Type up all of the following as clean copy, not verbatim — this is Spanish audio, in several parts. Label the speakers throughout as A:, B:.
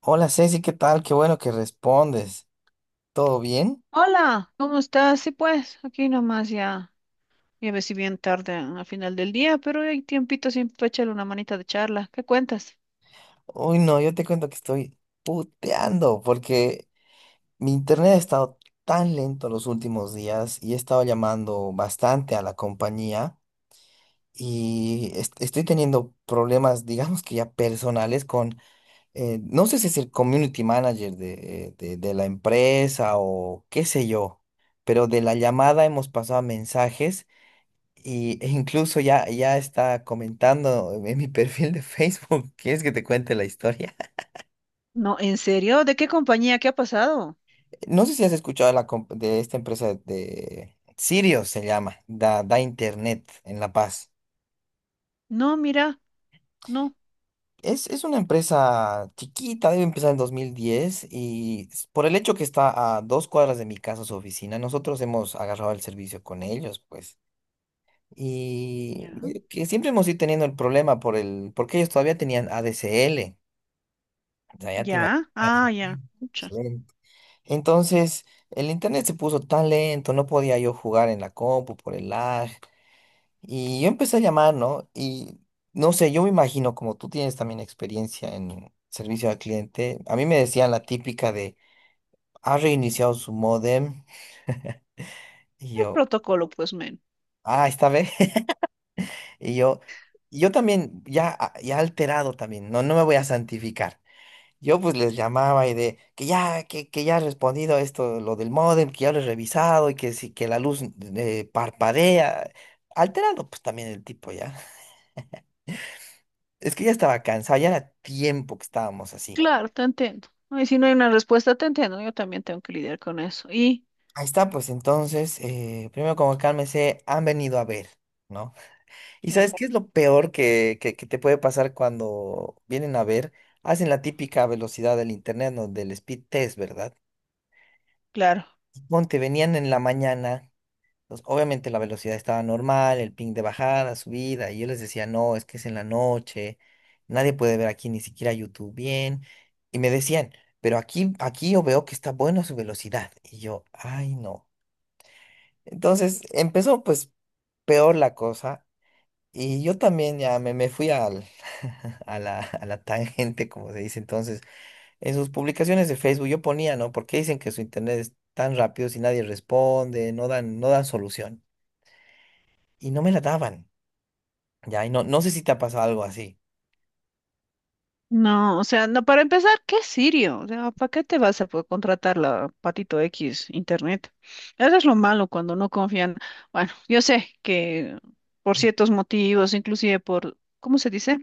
A: Hola Ceci, ¿qué tal? Qué bueno que respondes. ¿Todo bien?
B: Hola, ¿cómo estás? Sí, pues, aquí nomás ya, ya ves si bien tarde a final del día, pero hay tiempito siempre para echarle una manita de charla. ¿Qué cuentas?
A: Uy, no, yo te cuento que estoy puteando porque mi internet ha estado tan lento los últimos días y he estado llamando bastante a la compañía y estoy teniendo problemas, digamos que ya personales con, no sé si es el community manager de la empresa o qué sé yo, pero de la llamada hemos pasado mensajes. Y e incluso ya, ya está comentando en mi perfil de Facebook, ¿quieres que te cuente la historia?
B: No, ¿en serio? ¿De qué compañía? ¿Qué ha pasado?
A: No sé si has escuchado de esta empresa de Sirius, se llama, da internet en La Paz.
B: No, mira, no.
A: Es una empresa chiquita, debe empezar en 2010 y por el hecho que está a dos cuadras de mi casa su oficina, nosotros hemos agarrado el servicio con ellos, pues. Y
B: Ya,
A: que siempre hemos ido teniendo el problema porque ellos todavía tenían ADSL. O sea, ya te
B: ya, ah,
A: imaginas,
B: ya,
A: lento, pues,
B: mucha.
A: lento. Entonces, el internet se puso tan lento, no podía yo jugar en la compu por el lag. Y yo empecé a llamar, ¿no? Y no sé, yo me imagino, como tú tienes también experiencia en servicio al cliente, a mí me decían la típica de, ha reiniciado su modem. Y
B: Es
A: yo,
B: protocolo, pues, men.
A: ah, esta vez. Y yo, y yo también, ya, ya alterado también, no, no me voy a santificar. Yo pues les llamaba y de que ya, que ya ha respondido esto, lo del módem, que ya lo he revisado y que sí, que la luz parpadea. Alterado pues también el tipo ya. Es que ya estaba cansado, ya era tiempo que estábamos así.
B: Claro, te entiendo. Ay, si no hay una respuesta, te entiendo. Yo también tengo que lidiar con eso. Y,
A: Ahí está, pues entonces, primero como cálmese, han venido a ver, ¿no? ¿Y sabes
B: ya,
A: qué es lo peor que te puede pasar cuando vienen a ver? Hacen la típica velocidad del internet, ¿no? Del speed test, ¿verdad?
B: claro.
A: Ponte, venían en la mañana. Entonces, obviamente la velocidad estaba normal, el ping de bajada, subida, y yo les decía, no, es que es en la noche, nadie puede ver aquí ni siquiera YouTube bien. Y me decían, pero aquí yo veo que está bueno su velocidad. Y yo, ay, no. Entonces empezó pues peor la cosa. Y yo también ya me fui a la tangente, como se dice entonces. En sus publicaciones de Facebook yo ponía, ¿no? ¿Por qué dicen que su internet es tan rápido si nadie responde, no dan, no dan solución? Y no me la daban. Ya, y no, no sé si te ha pasado algo así.
B: No, o sea, no, para empezar, ¿qué sirio? O sea, ¿para qué te vas a contratar la Patito X Internet? Eso es lo malo cuando no confían. Bueno, yo sé que por ciertos motivos, inclusive por, ¿cómo se dice?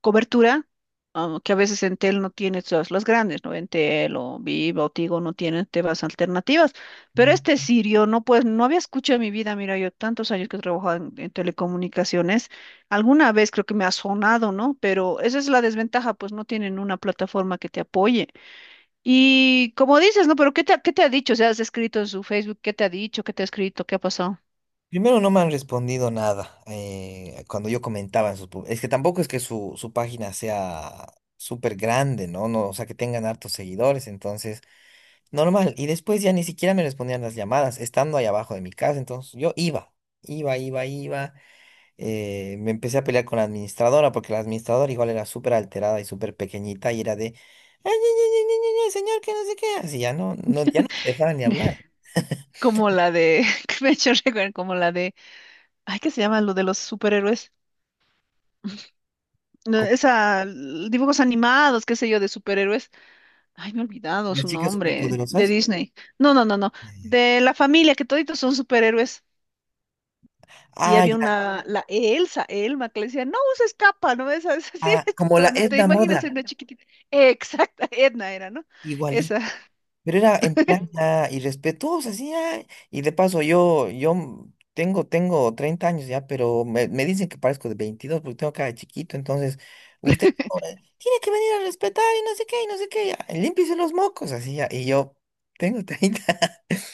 B: Cobertura, ah, que a veces en Entel no tiene todas las grandes, ¿no? Entel o Viva o Tigo no tienen temas alternativas, pero
A: Mm.
B: este Sirio no, pues no había escuchado en mi vida. Mira, yo tantos años que he trabajado en telecomunicaciones, alguna vez creo que me ha sonado, ¿no? Pero esa es la desventaja, pues no tienen una plataforma que te apoye. Y como dices, ¿no? Pero ¿qué te, qué te ha dicho? O sea, has escrito en su Facebook, ¿qué te ha dicho? ¿Qué te ha escrito? ¿Qué ha pasado?
A: Primero no me han respondido nada cuando yo comentaba en sus... Es que tampoco es que su página sea súper grande, ¿no? No, o sea, que tengan hartos seguidores, entonces, normal. Y después ya ni siquiera me respondían las llamadas, estando ahí abajo de mi casa, entonces yo iba, iba, iba, iba. Me empecé a pelear con la administradora porque la administradora igual era súper alterada y súper pequeñita y era de... "Ay, ay, ay, ay, ay, ay, señor, que no sé qué". Así ya no, no, ya no me dejaban ni hablar.
B: Como la de, que me ha hecho recordar, como la de, ay, ¿qué se llama lo de los superhéroes? No, esa, dibujos animados, qué sé yo, de superhéroes. Ay, me he olvidado
A: Las
B: su
A: chicas
B: nombre, de
A: superpoderosas.
B: Disney. No, no, no, no.
A: Ya, ya.
B: De la familia, que toditos son superhéroes. Y
A: Ah,
B: había
A: ya,
B: una, la Elsa, Elma, que le decía, no uses capa, ¿no ves? Es decir,
A: ah,
B: es
A: como la
B: cuando te
A: Edna
B: imaginas en
A: Moda,
B: una chiquitita. Exacta, Edna era, ¿no?
A: igualito.
B: Esa.
A: Pero era en plan ya irrespetuosa, sí, ah. Y de paso, yo tengo 30 años ya, pero me dicen que parezco de 22 porque tengo cara de chiquito. Entonces, usted oh, tiene que venir a respetar y no sé qué, y no sé qué. Ya, límpiese los mocos, así ya. Y yo tengo 30.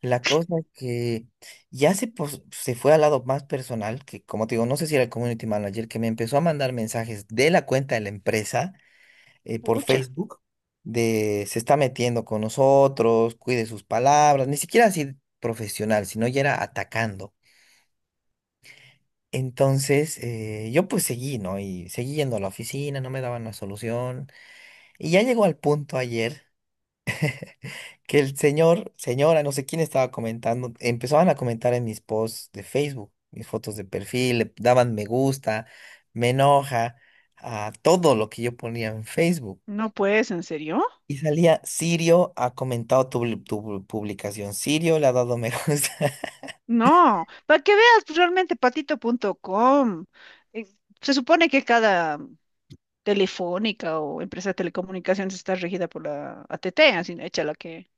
A: La cosa es que ya se fue al lado más personal, que como te digo, no sé si era el community manager, que me empezó a mandar mensajes de la cuenta de la empresa por
B: Pucha,
A: Facebook, de se está metiendo con nosotros, cuide sus palabras, ni siquiera así profesional, sino ya era atacando. Entonces yo pues seguí, ¿no? Y seguí yendo a la oficina, no me daban una solución. Y ya llegó al punto ayer que el señor, señora, no sé quién estaba comentando, empezaban a comentar en mis posts de Facebook, mis fotos de perfil, le daban me gusta, me enoja, a todo lo que yo ponía en Facebook.
B: no puedes, ¿en serio?
A: Y salía, Sirio ha comentado tu publicación, Sirio le ha dado me gusta.
B: No, para que veas pues, realmente patito.com. eh, Se supone que cada Telefónica o empresa de telecomunicaciones está regida por la AT&T, así hecha la que...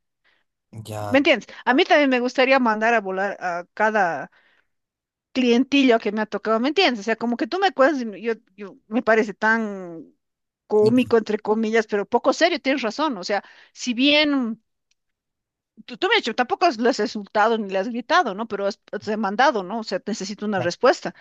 B: ¿Me
A: Ya,
B: entiendes? A mí también me gustaría mandar a volar a cada clientillo que me ha tocado, ¿me entiendes? O sea, como que tú me cuentas, y yo, yo me parece tan cómico, entre comillas, pero poco serio, tienes razón. O sea, si bien tú me has dicho, tampoco lo has insultado ni le has gritado, ¿no? Pero has, has demandado, ¿no? O sea, necesito una respuesta.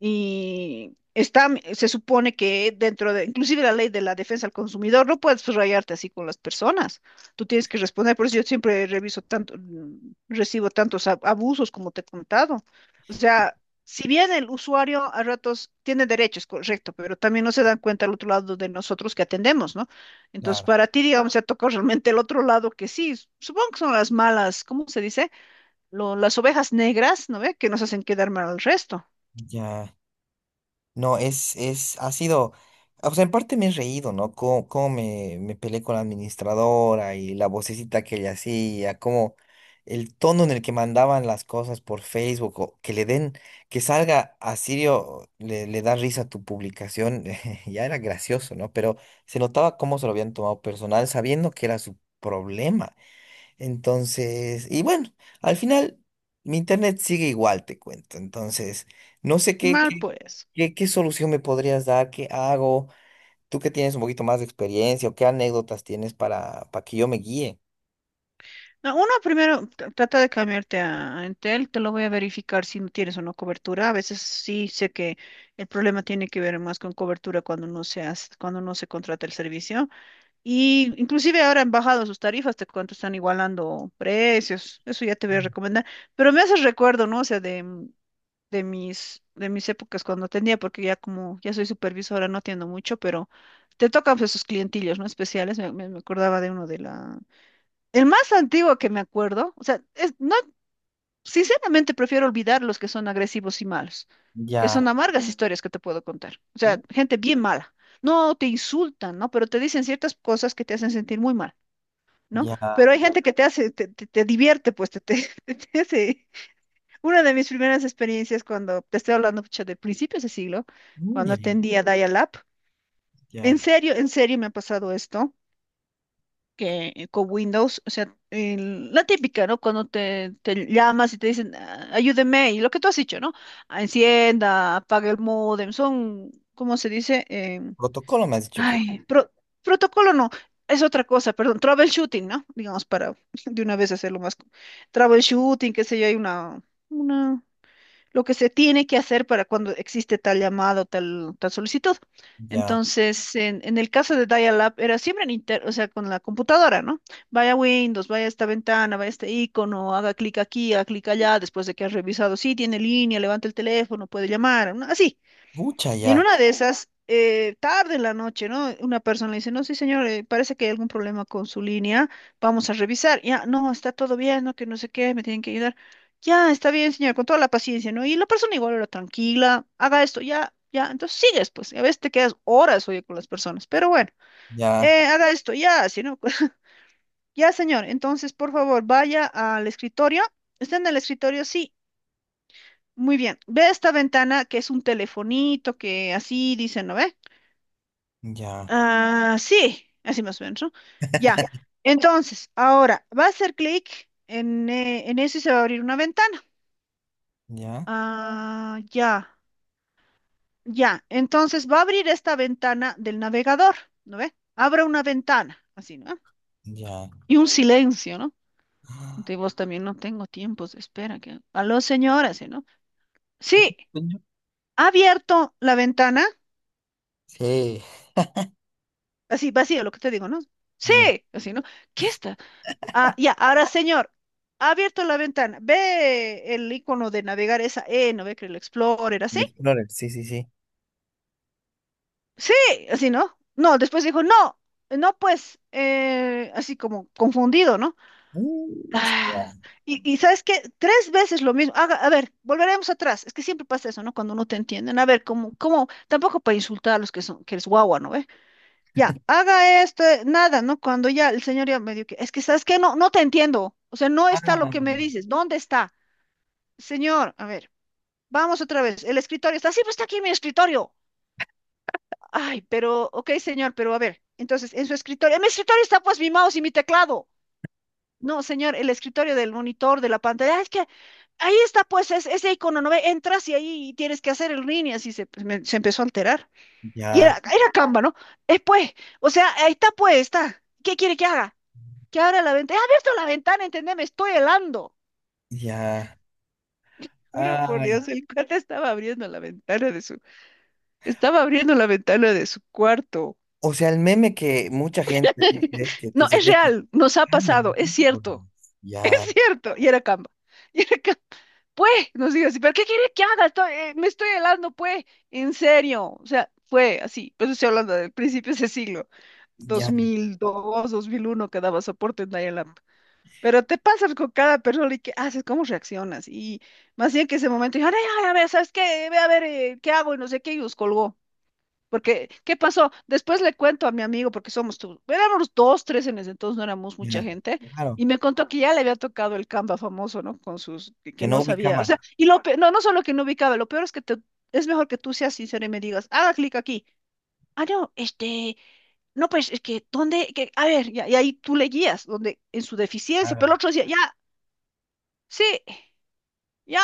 B: Y está, se supone que dentro de, inclusive la ley de la defensa al consumidor, no puedes rayarte así con las personas. Tú tienes que responder, por eso yo siempre reviso tanto, recibo tantos abusos como te he contado. O
A: y-
B: sea, si bien el usuario a ratos tiene derechos, correcto, pero también no se dan cuenta al otro lado de nosotros que atendemos, ¿no? Entonces,
A: claro,
B: para ti, digamos, se ha tocado realmente el otro lado que sí, supongo que son las malas, ¿cómo se dice? Las ovejas negras, ¿no ve? Que nos hacen quedar mal al resto.
A: ya. No, ha sido, o sea, en parte me he reído, ¿no? Cómo me peleé con la administradora y la vocecita que ella hacía, cómo el tono en el que mandaban las cosas por Facebook, o que le den, que salga a Sirio, le da risa a tu publicación. Ya era gracioso, ¿no? Pero se notaba cómo se lo habían tomado personal, sabiendo que era su problema. Entonces, y bueno, al final mi internet sigue igual, te cuento. Entonces, no sé qué,
B: Mal,
A: qué,
B: pues.
A: qué, qué solución me podrías dar, qué hago, tú que tienes un poquito más de experiencia o qué anécdotas tienes para que yo me guíe.
B: No, uno primero trata de cambiarte a Entel, te lo voy a verificar si no tienes o no cobertura. A veces sí sé que el problema tiene que ver más con cobertura cuando no se cuando no se contrata el servicio. Y inclusive ahora han bajado sus tarifas, te cuento, están igualando precios. Eso ya te voy a recomendar. Pero me hace recuerdo, ¿no? O sea, de, de mis épocas cuando atendía, porque ya como ya soy supervisora, no atiendo mucho, pero te tocan pues, esos clientillos, ¿no? Especiales. Me acordaba de uno de la, el más antiguo que me acuerdo, o sea, es, no, sinceramente prefiero olvidar los que son agresivos y malos, que son
A: Ya,
B: amargas historias que te puedo contar. O
A: uh,
B: sea, gente bien mala. No te insultan, ¿no? Pero te dicen ciertas cosas que te hacen sentir muy mal, ¿no?
A: ya,
B: Pero hay gente que te hace, te divierte, pues te hace. Una de mis primeras experiencias cuando te estoy hablando pucha, de principios de siglo,
A: mm,
B: cuando
A: ya,
B: atendía Dial-Up,
A: ya.
B: en serio me ha pasado esto. Que con Windows, o sea, la típica, ¿no? Cuando te llamas y te dicen, "Ah, ayúdeme", y lo que tú has dicho, ¿no? Ah, encienda, apague el módem, son, ¿cómo se dice?
A: Protocolo me has dicho que
B: Ay, protocolo no, es otra cosa, perdón, troubleshooting, ¿no? Digamos, para de una vez hacerlo más, troubleshooting, qué sé yo, hay una, lo que se tiene que hacer para cuando existe tal llamado, tal, tal solicitud.
A: ya,
B: Entonces, en el caso de Dial-Up era siempre en inter, o sea, con la computadora, ¿no? Vaya Windows, vaya esta ventana, vaya este icono, haga clic aquí, haga clic allá, después de que has revisado, sí, tiene línea, levanta el teléfono, puede llamar, ¿no? Así.
A: mucha
B: Y en
A: ya,
B: una de esas, tarde en la noche, ¿no? Una persona le dice, no, sí, señor, parece que hay algún problema con su línea, vamos a revisar. Ya, no, está todo bien, no, que no sé qué, me tienen que ayudar. Ya, está bien, señor, con toda la paciencia, ¿no? Y la persona igual era tranquila, haga esto, ya, ya, entonces sigues, pues, y a veces te quedas horas, oye, con las personas, pero bueno,
A: ya,
B: haga esto, ya, así, ¿no? Ya, señor, entonces, por favor, vaya al escritorio. ¿Está en el escritorio? Sí, muy bien. Ve esta ventana que es un telefonito, que así dicen, ¿no ve?
A: ya,
B: Ah, sí, así más o menos, ¿no? Ya. Entonces, ahora va a hacer clic en eso y se va a abrir una ventana.
A: ya,
B: Ah, ya, ya. Entonces va a abrir esta ventana del navegador, ¿no ve? Abra una ventana, así, ¿no?
A: ya.
B: Y un silencio, ¿no?
A: Ah,
B: De vos también no tengo tiempos de espera. Que... Aló, señora, ¿sí, no? Sí,
A: coño.
B: ha abierto la ventana,
A: Sí,
B: así vacío, lo que te digo, ¿no? Sí,
A: ya.
B: así, ¿no? ¿Qué está? Ah, ya, ahora señor, ha abierto la ventana. Ve el icono de navegar esa E, no ve que el Explorer,
A: El
B: así.
A: Explorer, sí, sí, sí.
B: Sí, así, ¿no? No, después dijo, no, no, pues, así como confundido, ¿no?
A: Mucha ya.
B: Ah, y ¿sabes qué? Tres veces lo mismo. A ver, volveremos atrás. Es que siempre pasa eso, ¿no? Cuando no te entienden. A ver, tampoco para insultar a los que son, que eres guagua, ¿no ve? Ya, haga esto, nada, ¿no? Cuando ya el señor ya me dijo que, es que, ¿sabes qué? No, no te entiendo. O sea, no está lo
A: Ah,
B: que me dices. ¿Dónde está? Señor, a ver, vamos otra vez. El escritorio está, sí, pues está aquí mi escritorio. Ay, pero, ok, señor, pero a ver, entonces, en su escritorio, en mi escritorio está pues mi mouse y mi teclado. No, señor, el escritorio del monitor, de la pantalla, "Ah, es que ahí está pues ese icono, ¿no ve? Entras y ahí tienes que hacer el ring y así se, pues, se empezó a alterar. Y
A: ya.
B: era, era Canva, ¿no? Pues, o sea, ahí está pues, está. ¿Qué quiere que haga? Que abra la ventana. He abierto la ventana, entendé, me estoy helando.
A: Ya.
B: Juro por
A: Ay.
B: Dios, el cuate estaba abriendo la ventana de su... Estaba abriendo la ventana de su cuarto.
A: O sea, el meme que mucha gente dice que
B: No,
A: se
B: es
A: ve que
B: real, nos ha
A: "Ay, la
B: pasado, es
A: miércoles".
B: cierto, es
A: Ya,
B: cierto. Y era Canva. Y era Canva. Pues, nos dijo así, ¿pero qué quiere que haga? Estoy- me estoy helando, pues, en serio. O sea, fue así. Pero estoy hablando del principio de ese siglo,
A: ya,
B: 2002, 2001, que daba soporte en dial up. Pero te pasas con cada persona y qué haces, cómo reaccionas. Y más bien que ese momento, dijo, ay, ay, a ver, ¿sabes qué? Ve a ver, ¿qué hago? Y no sé qué, y los colgó. Porque, ¿qué pasó? Después le cuento a mi amigo, porque somos tú, éramos dos, tres en ese entonces, no éramos mucha
A: ya.
B: gente,
A: Claro,
B: y me contó que ya le había tocado el Canva famoso, ¿no? Con sus,
A: que
B: que
A: no
B: no sabía, o sea,
A: ubicaba.
B: y no, no solo que no ubicaba, lo peor es que te, es mejor que tú seas sincero y me digas, haga clic aquí. Ah, no, este, no, pues, es que, ¿dónde? Que, a ver, ya, y ahí tú le guías, donde, en su deficiencia,
A: Claro.
B: pero el otro decía, ya, sí, ya.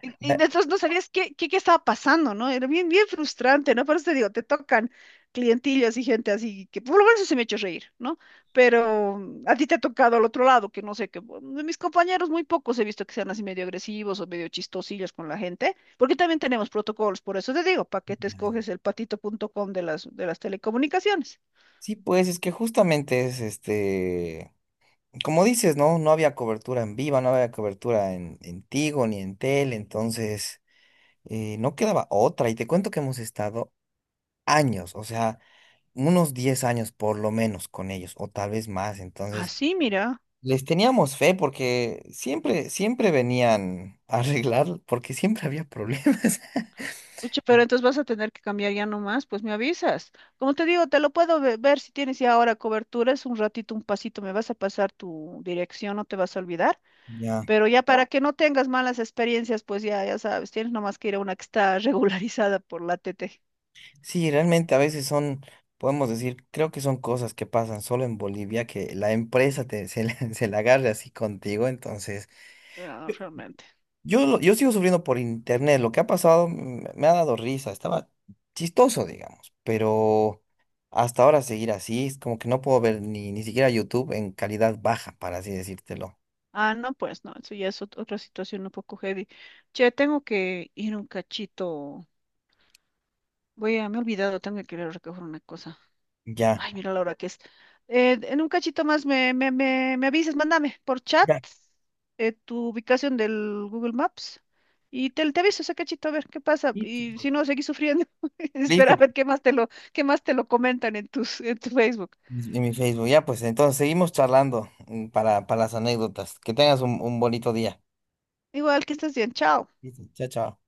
B: Y
A: Ya,
B: entonces no sabías qué, qué, qué estaba pasando, ¿no? Era bien, bien frustrante, ¿no? Por eso te digo, te tocan clientillas y gente así, que por lo menos se me echó reír, ¿no? Pero a ti te ha tocado al otro lado, que no sé, que bueno, de mis compañeros muy pocos he visto que sean así medio agresivos o medio chistosillos con la gente, porque también tenemos protocolos, por eso te digo, para que te
A: ya, ya.
B: escoges el patito.com de las telecomunicaciones.
A: Sí, pues es que justamente es este, como dices, ¿no? No había cobertura en Viva, no había cobertura en Tigo ni en Tel, entonces no quedaba otra. Y te cuento que hemos estado años, o sea, unos 10 años por lo menos con ellos, o tal vez más. Entonces,
B: Así, mira.
A: les teníamos fe porque siempre, siempre venían a arreglar, porque siempre había problemas.
B: Pucha, pero entonces vas a tener que cambiar ya nomás, pues me avisas. Como te digo, te lo puedo ver si tienes ya ahora cobertura, es un ratito, un pasito, me vas a pasar tu dirección, no te vas a olvidar,
A: Ya.
B: pero ya para que no tengas malas experiencias, pues ya, ya sabes, tienes nomás que ir a una que está regularizada por la TT.
A: Sí, realmente a veces son, podemos decir, creo que son cosas que pasan solo en Bolivia, que la empresa se la agarre así contigo, entonces...
B: Ah, realmente.
A: Yo sigo sufriendo por internet. Lo que ha pasado me ha dado risa. Estaba chistoso, digamos. Pero hasta ahora seguir así es como que no puedo ver ni siquiera YouTube en calidad baja, para así decírtelo.
B: Ah, no, pues no, eso ya es otra situación un poco heavy. Che, tengo que ir un cachito. Voy a, me he olvidado, tengo que ir a recoger una cosa.
A: Ya.
B: Ay, mira la hora que es. En un cachito más me, me avisas, mándame por chat tu ubicación del Google Maps y te aviso ese cachito a ver qué pasa.
A: Ya.
B: Y si no, seguí sufriendo.
A: Listo,
B: Espera a ver qué más te lo, qué más te lo comentan en tus, en tu Facebook.
A: pues, en mi Facebook. Ya, pues entonces seguimos charlando para las anécdotas. Que tengas un bonito día.
B: Igual que estés bien, chao.
A: Listo, chao, chao.